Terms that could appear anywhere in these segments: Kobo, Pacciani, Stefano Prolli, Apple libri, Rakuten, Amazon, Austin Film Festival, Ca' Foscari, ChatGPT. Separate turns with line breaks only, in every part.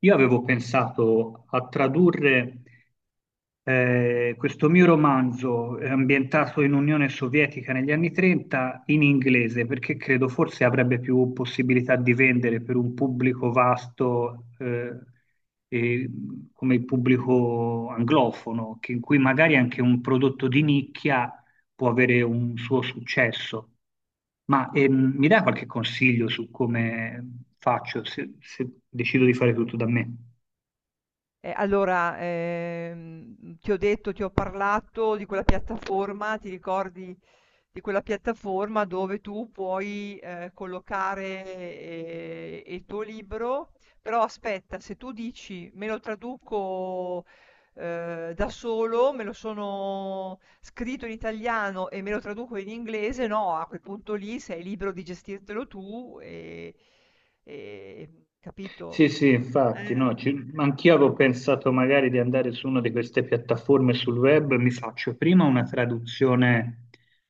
Io avevo pensato a tradurre questo mio romanzo ambientato in Unione Sovietica negli anni 30 in inglese, perché credo forse avrebbe più possibilità di vendere per un pubblico vasto e, come il pubblico anglofono, in cui magari anche un prodotto di nicchia può avere un suo successo. Ma mi dai qualche consiglio su come faccio se decido di fare tutto da me?
Allora, ti ho detto, ti ho parlato di quella piattaforma. Ti ricordi di quella piattaforma dove tu puoi collocare il tuo libro? Però aspetta, se tu dici "me lo traduco da solo, me lo sono scritto in italiano e me lo traduco in inglese", no, a quel punto lì sei libero di gestirtelo tu e- capito?
Sì, sì, infatti, no,
Eh,
anch'io avevo pensato magari di andare su una di queste piattaforme sul web, mi faccio prima una traduzione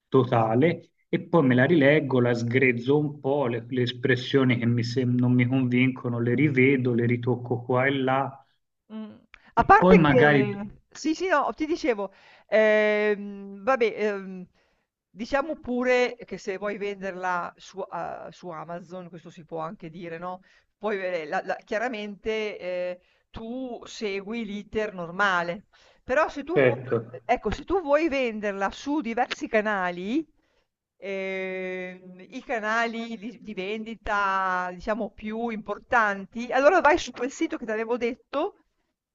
totale e poi me la rileggo, la sgrezzo un po', le espressioni che non mi convincono le rivedo, le ritocco qua e là
Mh. A
e poi
parte
magari...
che sì, sì, no, ti dicevo, vabbè, diciamo pure che se vuoi venderla su Amazon, questo si può anche dire, no, puoi ve la la chiaramente. Tu segui l'iter normale, però se tu vuoi
Certo,
ecco, se tu vuoi venderla su diversi canali, i canali di vendita, diciamo, più importanti. Allora vai su quel sito che t'avevo detto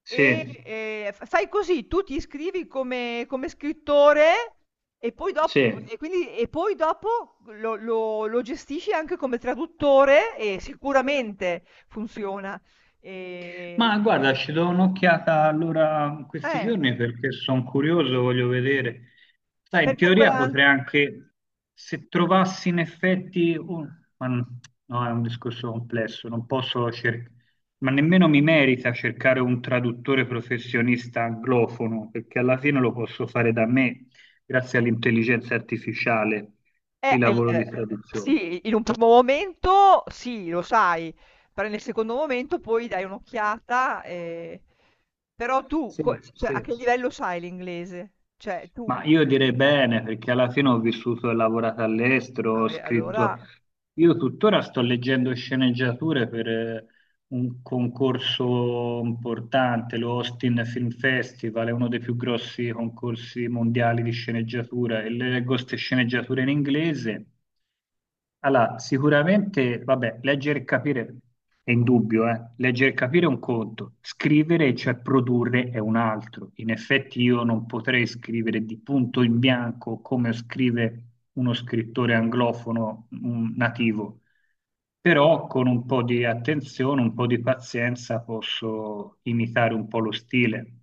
sì,
e, f fai così: tu ti iscrivi come scrittore e poi dop
sì.
e quindi e poi dopo lo gestisci anche come traduttore, e sicuramente funziona. Ehm,
Ma guarda, ci do un'occhiata allora in questi
eh,
giorni perché sono curioso, voglio vedere. Sai, in
Perché
teoria
quella.
potrei anche, se trovassi in effetti, ma n- no, è un discorso complesso, non posso cercare, ma nemmeno mi merita cercare un traduttore professionista anglofono, perché alla fine lo posso fare da me, grazie all'intelligenza artificiale, il lavoro di traduzione.
Sì, in un primo momento sì, lo sai. Però nel secondo momento poi dai un'occhiata. Però tu, co
Sì,
cioè, a
sì.
che livello sai l'inglese? Cioè
Ma
tu.
io direi bene, perché alla fine ho vissuto e lavorato all'estero,
Ah
ho
beh, allora.
scritto... Io tuttora sto leggendo sceneggiature per, un concorso importante, lo Austin Film Festival, è uno dei più grossi concorsi mondiali di sceneggiatura e leggo queste sceneggiature in inglese. Allora, sicuramente, vabbè, leggere e capire è indubbio, eh. Leggere e capire è un conto, scrivere, cioè produrre, è un altro. In effetti io non potrei scrivere di punto in bianco come scrive uno scrittore anglofono nativo però con un po' di attenzione, un po' di pazienza posso imitare un po' lo stile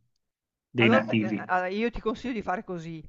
dei
Allora,
nativi.
a io ti consiglio di fare così: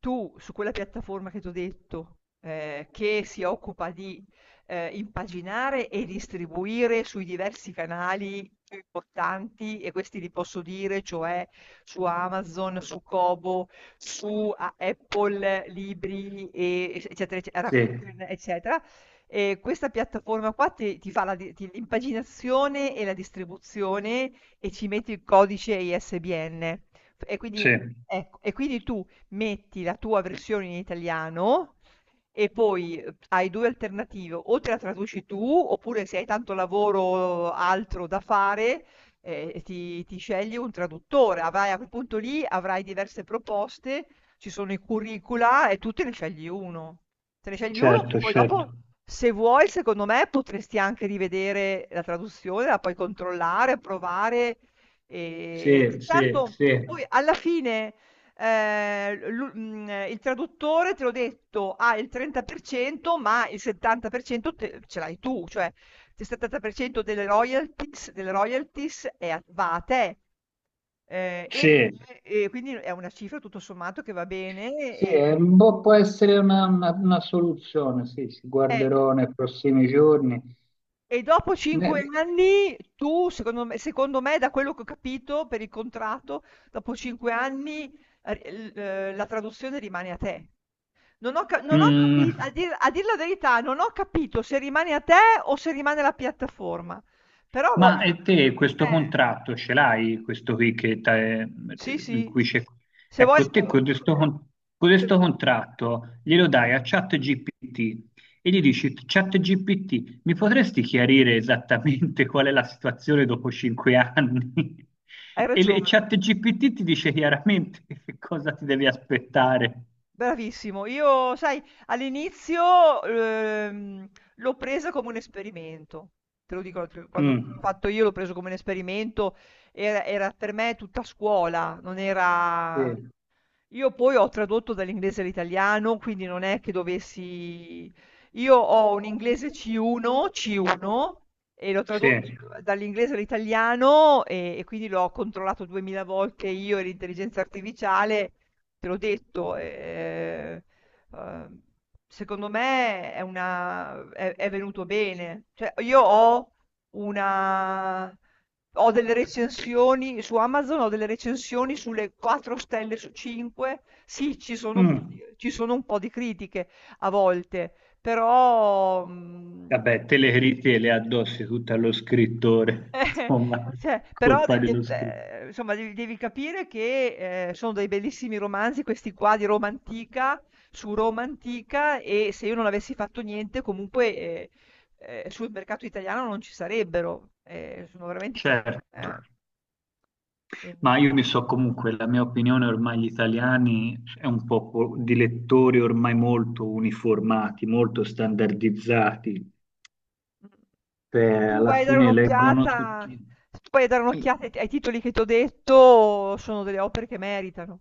tu su quella piattaforma che t'ho detto, che si occupa di, impaginare e distribuire sui diversi canali più importanti, e questi li posso dire, cioè su Amazon, su Kobo, su a Apple libri, e ec eccetera, ecce
Sì,
Rakuten, eccetera. Questa piattaforma qua ti fa la di ti l'impaginazione e la distribuzione, e ci metti il codice ISBN. F E
sì,
quindi, ecco, tu metti la tua versione in italiano. E poi hai 2 alternative: o te la traduci tu, oppure se hai tanto lavoro altro da fare, ti scegli un traduttore. Avrai a quel punto lì avrai diverse proposte, ci sono i curricula e tu te ne scegli 1. Te ne scegli 1,
certo,
poi
certo.
dopo, se vuoi, secondo me potresti anche rivedere la traduzione, la puoi controllare, provare. E
Sì, sì,
tanto
sì.
poi alla fine il traduttore, te l'ho detto, ha il 30%, ma il 70% ce l'hai tu, cioè il 70% delle royalties va a te. Eh, e,
Sì,
e quindi è una cifra tutto sommato che va bene.
sì, è un po' può essere una soluzione, sì, ci
Eh,
guarderò nei prossimi giorni.
E dopo
Ne-
5 anni, tu, secondo me, da quello che ho capito per il contratto, dopo 5 anni, la traduzione rimane a te. Non ho
Mm,
capito, a dir la verità, non ho capito se rimane a te o se rimane alla piattaforma. Però,
Ma e te questo
eh,
contratto ce l'hai? Questo qui
sì,
in
sì,
cui c'è...
se vuoi.
Ecco, te con questo contratto glielo dai a ChatGPT e gli dici, ChatGPT, mi potresti chiarire esattamente qual è la situazione dopo 5 anni?
Hai
E
ragione.
ChatGPT ti dice chiaramente che cosa ti devi aspettare.
Bravissimo. Io, sai, all'inizio, l'ho presa come un esperimento. Te lo dico, quando l'ho
Mm,
fatto io l'ho preso come un esperimento. Era per me tutta scuola, non era.
sì.
Io poi ho tradotto dall'inglese all'italiano, quindi non è che dovessi. Io ho un inglese C1, C1, e l'ho
Sì.
tradotto dall'inglese all'italiano, e quindi l'ho controllato duemila volte, io e l'intelligenza artificiale, te l'ho detto. Eh, Secondo me è venuto bene. Cioè, io una ho delle recensioni su Amazon, ho delle recensioni sulle 4 stelle su 5. Sì, ci sono, un-
Mm.
ci sono un po' di critiche a volte, però,
Vabbè, te le critiche le addossi tutte allo scrittore,
eh,
insomma,
cioè, però
colpa dello scrittore.
insomma, devi capire che sono dei bellissimi romanzi, questi qua di Roma antica, su Roma antica, e se io non avessi fatto niente, comunque sul mercato italiano non ci sarebbero. Sono veramente.
Certo,
eh.
ma
Eh,
io mi so comunque, la mia opinione ormai gli italiani è un popolo di lettori ormai molto uniformati, molto standardizzati.
mm. Se
Cioè,
tu
alla
vai a dare
fine leggono
un'occhiata,
tutti.
Se tu vai a dare un'occhiata ai titoli che ti ho detto, sono delle opere che meritano.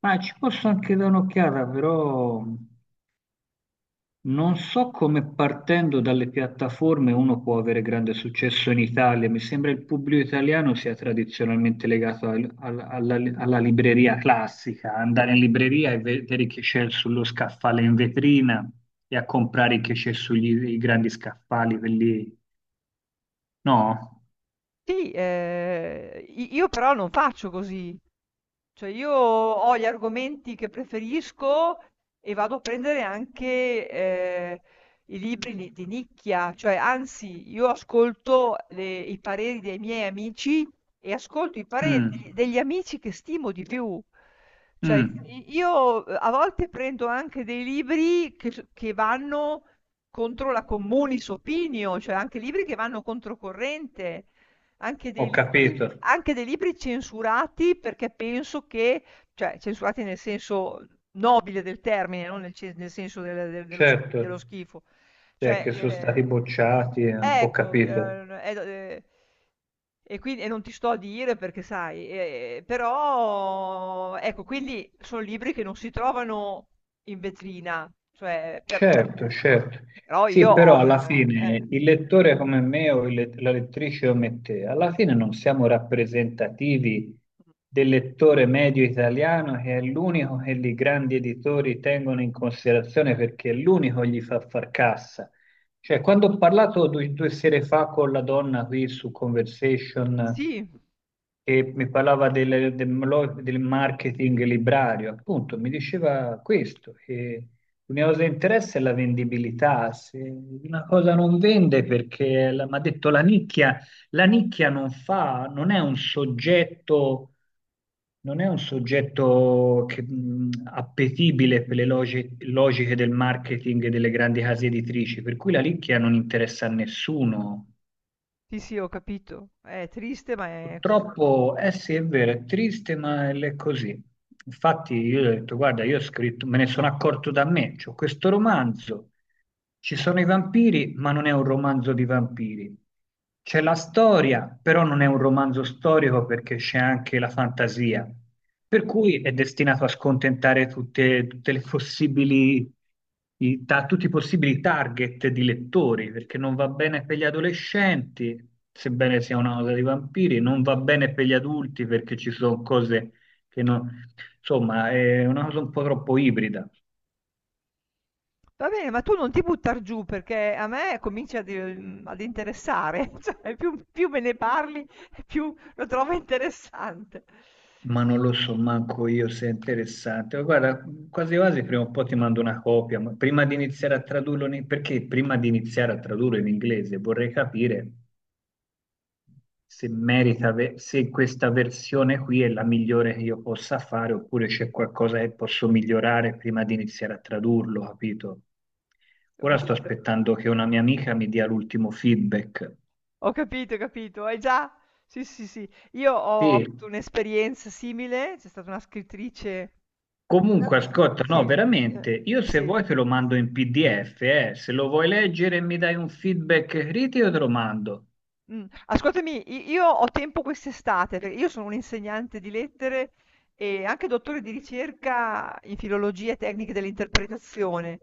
Ma ci posso anche dare un'occhiata, però non so come partendo dalle piattaforme uno può avere grande successo in Italia, mi sembra il pubblico italiano sia tradizionalmente legato alla libreria classica, andare in libreria e vedere che c'è sullo scaffale in vetrina e a comprare che c'è sugli i grandi scaffali, quelli... No?
Sì, io però non faccio così. Cioè io ho gli argomenti che preferisco e vado a prendere anche eh, i libri di nicchia, cioè, anzi, io ascolto i pareri dei miei amici e ascolto i pareri
Mm,
degli amici che stimo di più. Cioè,
mm,
io, a volte prendo anche dei libri che, che vanno contro la communis opinio, cioè anche libri che vanno controcorrente. Anche dei
ho
libri
capito,
anche dei libri censurati, perché penso che, cioè, censurati nel senso nobile del termine, non nel senso dello
certo,
schifo.
cioè
Cioè,
che sono stati bocciati, ho
ecco,
capito.
per e do non ti sto a dire perché, sai, però ecco, quindi son libri che non si trovano in vetrina, cioè
Certo,
a
certo.
però
Sì,
io ho
però alla
una.
fine il lettore come me o la lettrice come te, alla fine non siamo rappresentativi
Mh.
del lettore medio italiano che è l'unico che i grandi editori tengono in considerazione perché è l'unico che gli fa far cassa. Cioè, quando ho parlato due sere fa con la donna qui su Conversation
Sì.
che mi parlava del marketing librario, appunto, mi diceva questo, che l'unica cosa che interessa è la vendibilità. Se una cosa non vende perché, mi ha detto la nicchia non fa, non è un soggetto, non è un soggetto che, appetibile per le logiche del marketing e delle grandi case editrici, per cui la nicchia non interessa a nessuno.
Sì, sì, ho capito. È triste, ma è così.
Purtroppo, eh sì, è vero, è triste, ma è così. Infatti, io ho detto, guarda, io ho scritto, me ne sono accorto da me, c'ho questo romanzo, ci sono i vampiri, ma non è un romanzo di vampiri. C'è la storia, però non è un romanzo storico perché c'è anche la fantasia. Per cui è destinato a scontentare tutte, tutte le possibili, tutti i possibili target di lettori, perché non va bene per gli adolescenti, sebbene sia una cosa di vampiri, non va bene per gli adulti perché ci sono cose che non... Insomma, è una cosa un po' troppo ibrida,
Va bene, ma tu non ti buttar giù, perché a me comincia ad interessare, cioè più me ne parli, più lo trovo interessante.
ma non lo so manco io se è interessante. Ma guarda, quasi quasi prima o poi ti mando una copia, ma prima di iniziare a tradurlo, in... perché prima di iniziare a tradurlo in inglese vorrei capire se merita, se questa versione qui è la migliore che io possa fare, oppure c'è qualcosa che posso migliorare prima di iniziare a tradurlo, capito?
Ho
Ora sto
capito,
aspettando che una mia amica mi dia l'ultimo feedback.
ho capito, ho capito. Hai già? Sì, sì, sì. Io ho
Sì,
avuto un'esperienza simile. C'è stata una scrittrice. Ah,
comunque
oh,
ascolta,
sì,
no, veramente,
eh,
io se
sì.
vuoi te lo mando in PDF, eh. Se lo vuoi leggere e mi dai un feedback critico te lo mando.
Ascoltami, i io ho tempo quest'estate, perché io sono un'insegnante di lettere e anche dottore di ricerca in filologia e tecniche dell'interpretazione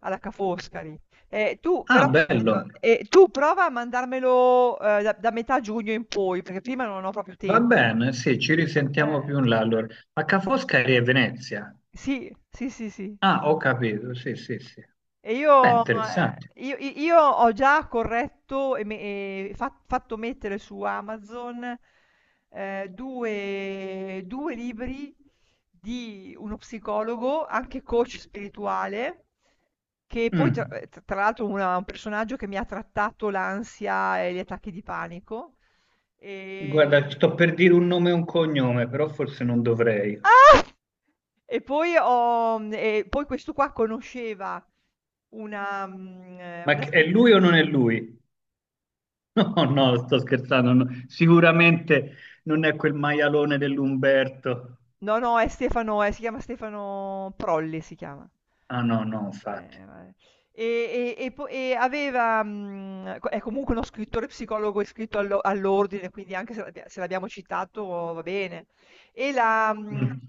alla Ca' Foscari. Tu
Ah,
però,
bello,
ecco, tu prova a mandarmelo, da metà giugno in poi, perché prima non ho proprio
va
tempo.
bene, sì, ci risentiamo
Eh,
più in là allora. Ma Ca' Foscari è Venezia?
sì, sì, sì, sì.
Ah, ho capito, sì, sì, sì.
E
Beh, interessante.
io ho già corretto e me e fa fatto mettere su Amazon, 2 2 libri di uno psicologo, anche coach spirituale, che poi, tra
Mm.
t tra l'altro una un personaggio che mi ha trattato l'ansia e gli attacchi di panico.
Guarda,
ehm
sto per dire un nome e un cognome, però forse non dovrei.
Ah! E poi questo qua conosceva una mhmm,
Ma
una
è lui o
scrittrice.
non è lui? No, no, sto scherzando. No. Sicuramente non è quel maialone dell'Umberto.
No, no, è Stefano, si chiama Stefano Prolli, si chiama.
Ah, no, no, infatti.
Vabbè. E è comunque uno scrittore psicologo iscritto all'ordine, quindi anche se se l'abbiamo citato va bene. E, la,
Mm.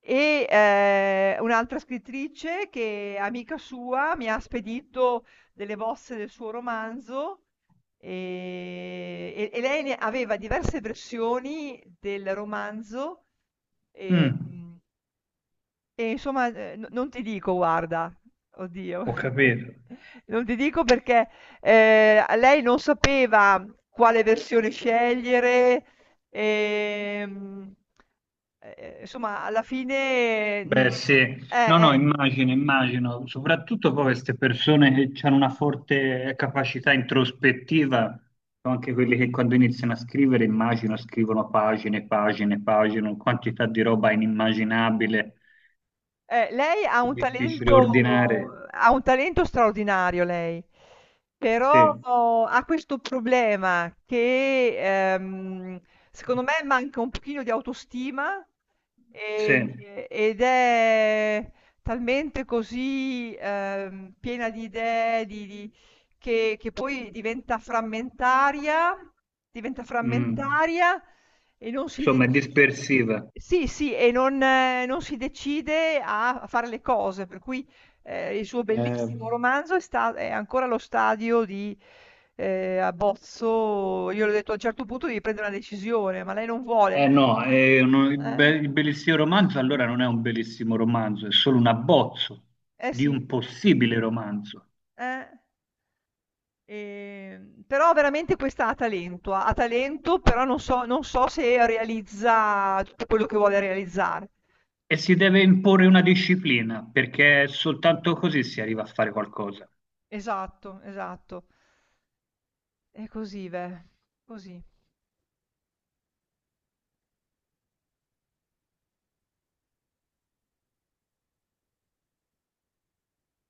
e Un'altra scrittrice, che è amica sua, mi ha spedito delle bozze del suo romanzo. E lei ne aveva diverse versioni del romanzo.
Mm.
ehm, e insomma, no, non ti dico, guarda, oddio,
Ho capito.
non ti dico perché. A lei non sapeva quale versione scegliere. ehm, insomma alla fine. Mhmm,
Beh, sì,
eh,
no, no,
eh.
immagino, immagino, soprattutto poi queste persone che hanno una forte capacità introspettiva, sono anche quelli che quando iniziano a scrivere, immagino, scrivono pagine, pagine, pagine, una quantità di roba inimmaginabile,
Lei
difficile ordinare.
ha un talento straordinario lei. Però
Sì,
oh, ha questo problema che ehm, secondo me manca un pochino di autostima
sì,
ed è talmente così, piena di idee che, poi diventa
mm.
frammentaria e non si
Insomma, è
deci
dispersiva.
sì, sì, e non si decide a fare le cose. Per cui, il suo
Eh,
bellissimo romanzo è ancora allo stadio di, abbozzo. Io le ho detto: "A un certo punto devi prendere una decisione", ma lei non vuole.
eh no, è
Eh,
il bellissimo romanzo allora non è un bellissimo romanzo, è solo un abbozzo
eh
di
sì.
un possibile romanzo.
eh. Però veramente questa ha talento, ha talento, però non so se realizza tutto quello che vuole realizzare.
E si deve imporre una disciplina,
Eh,
perché soltanto così si arriva a fare qualcosa.
esatto, esatto. È così, veh, così.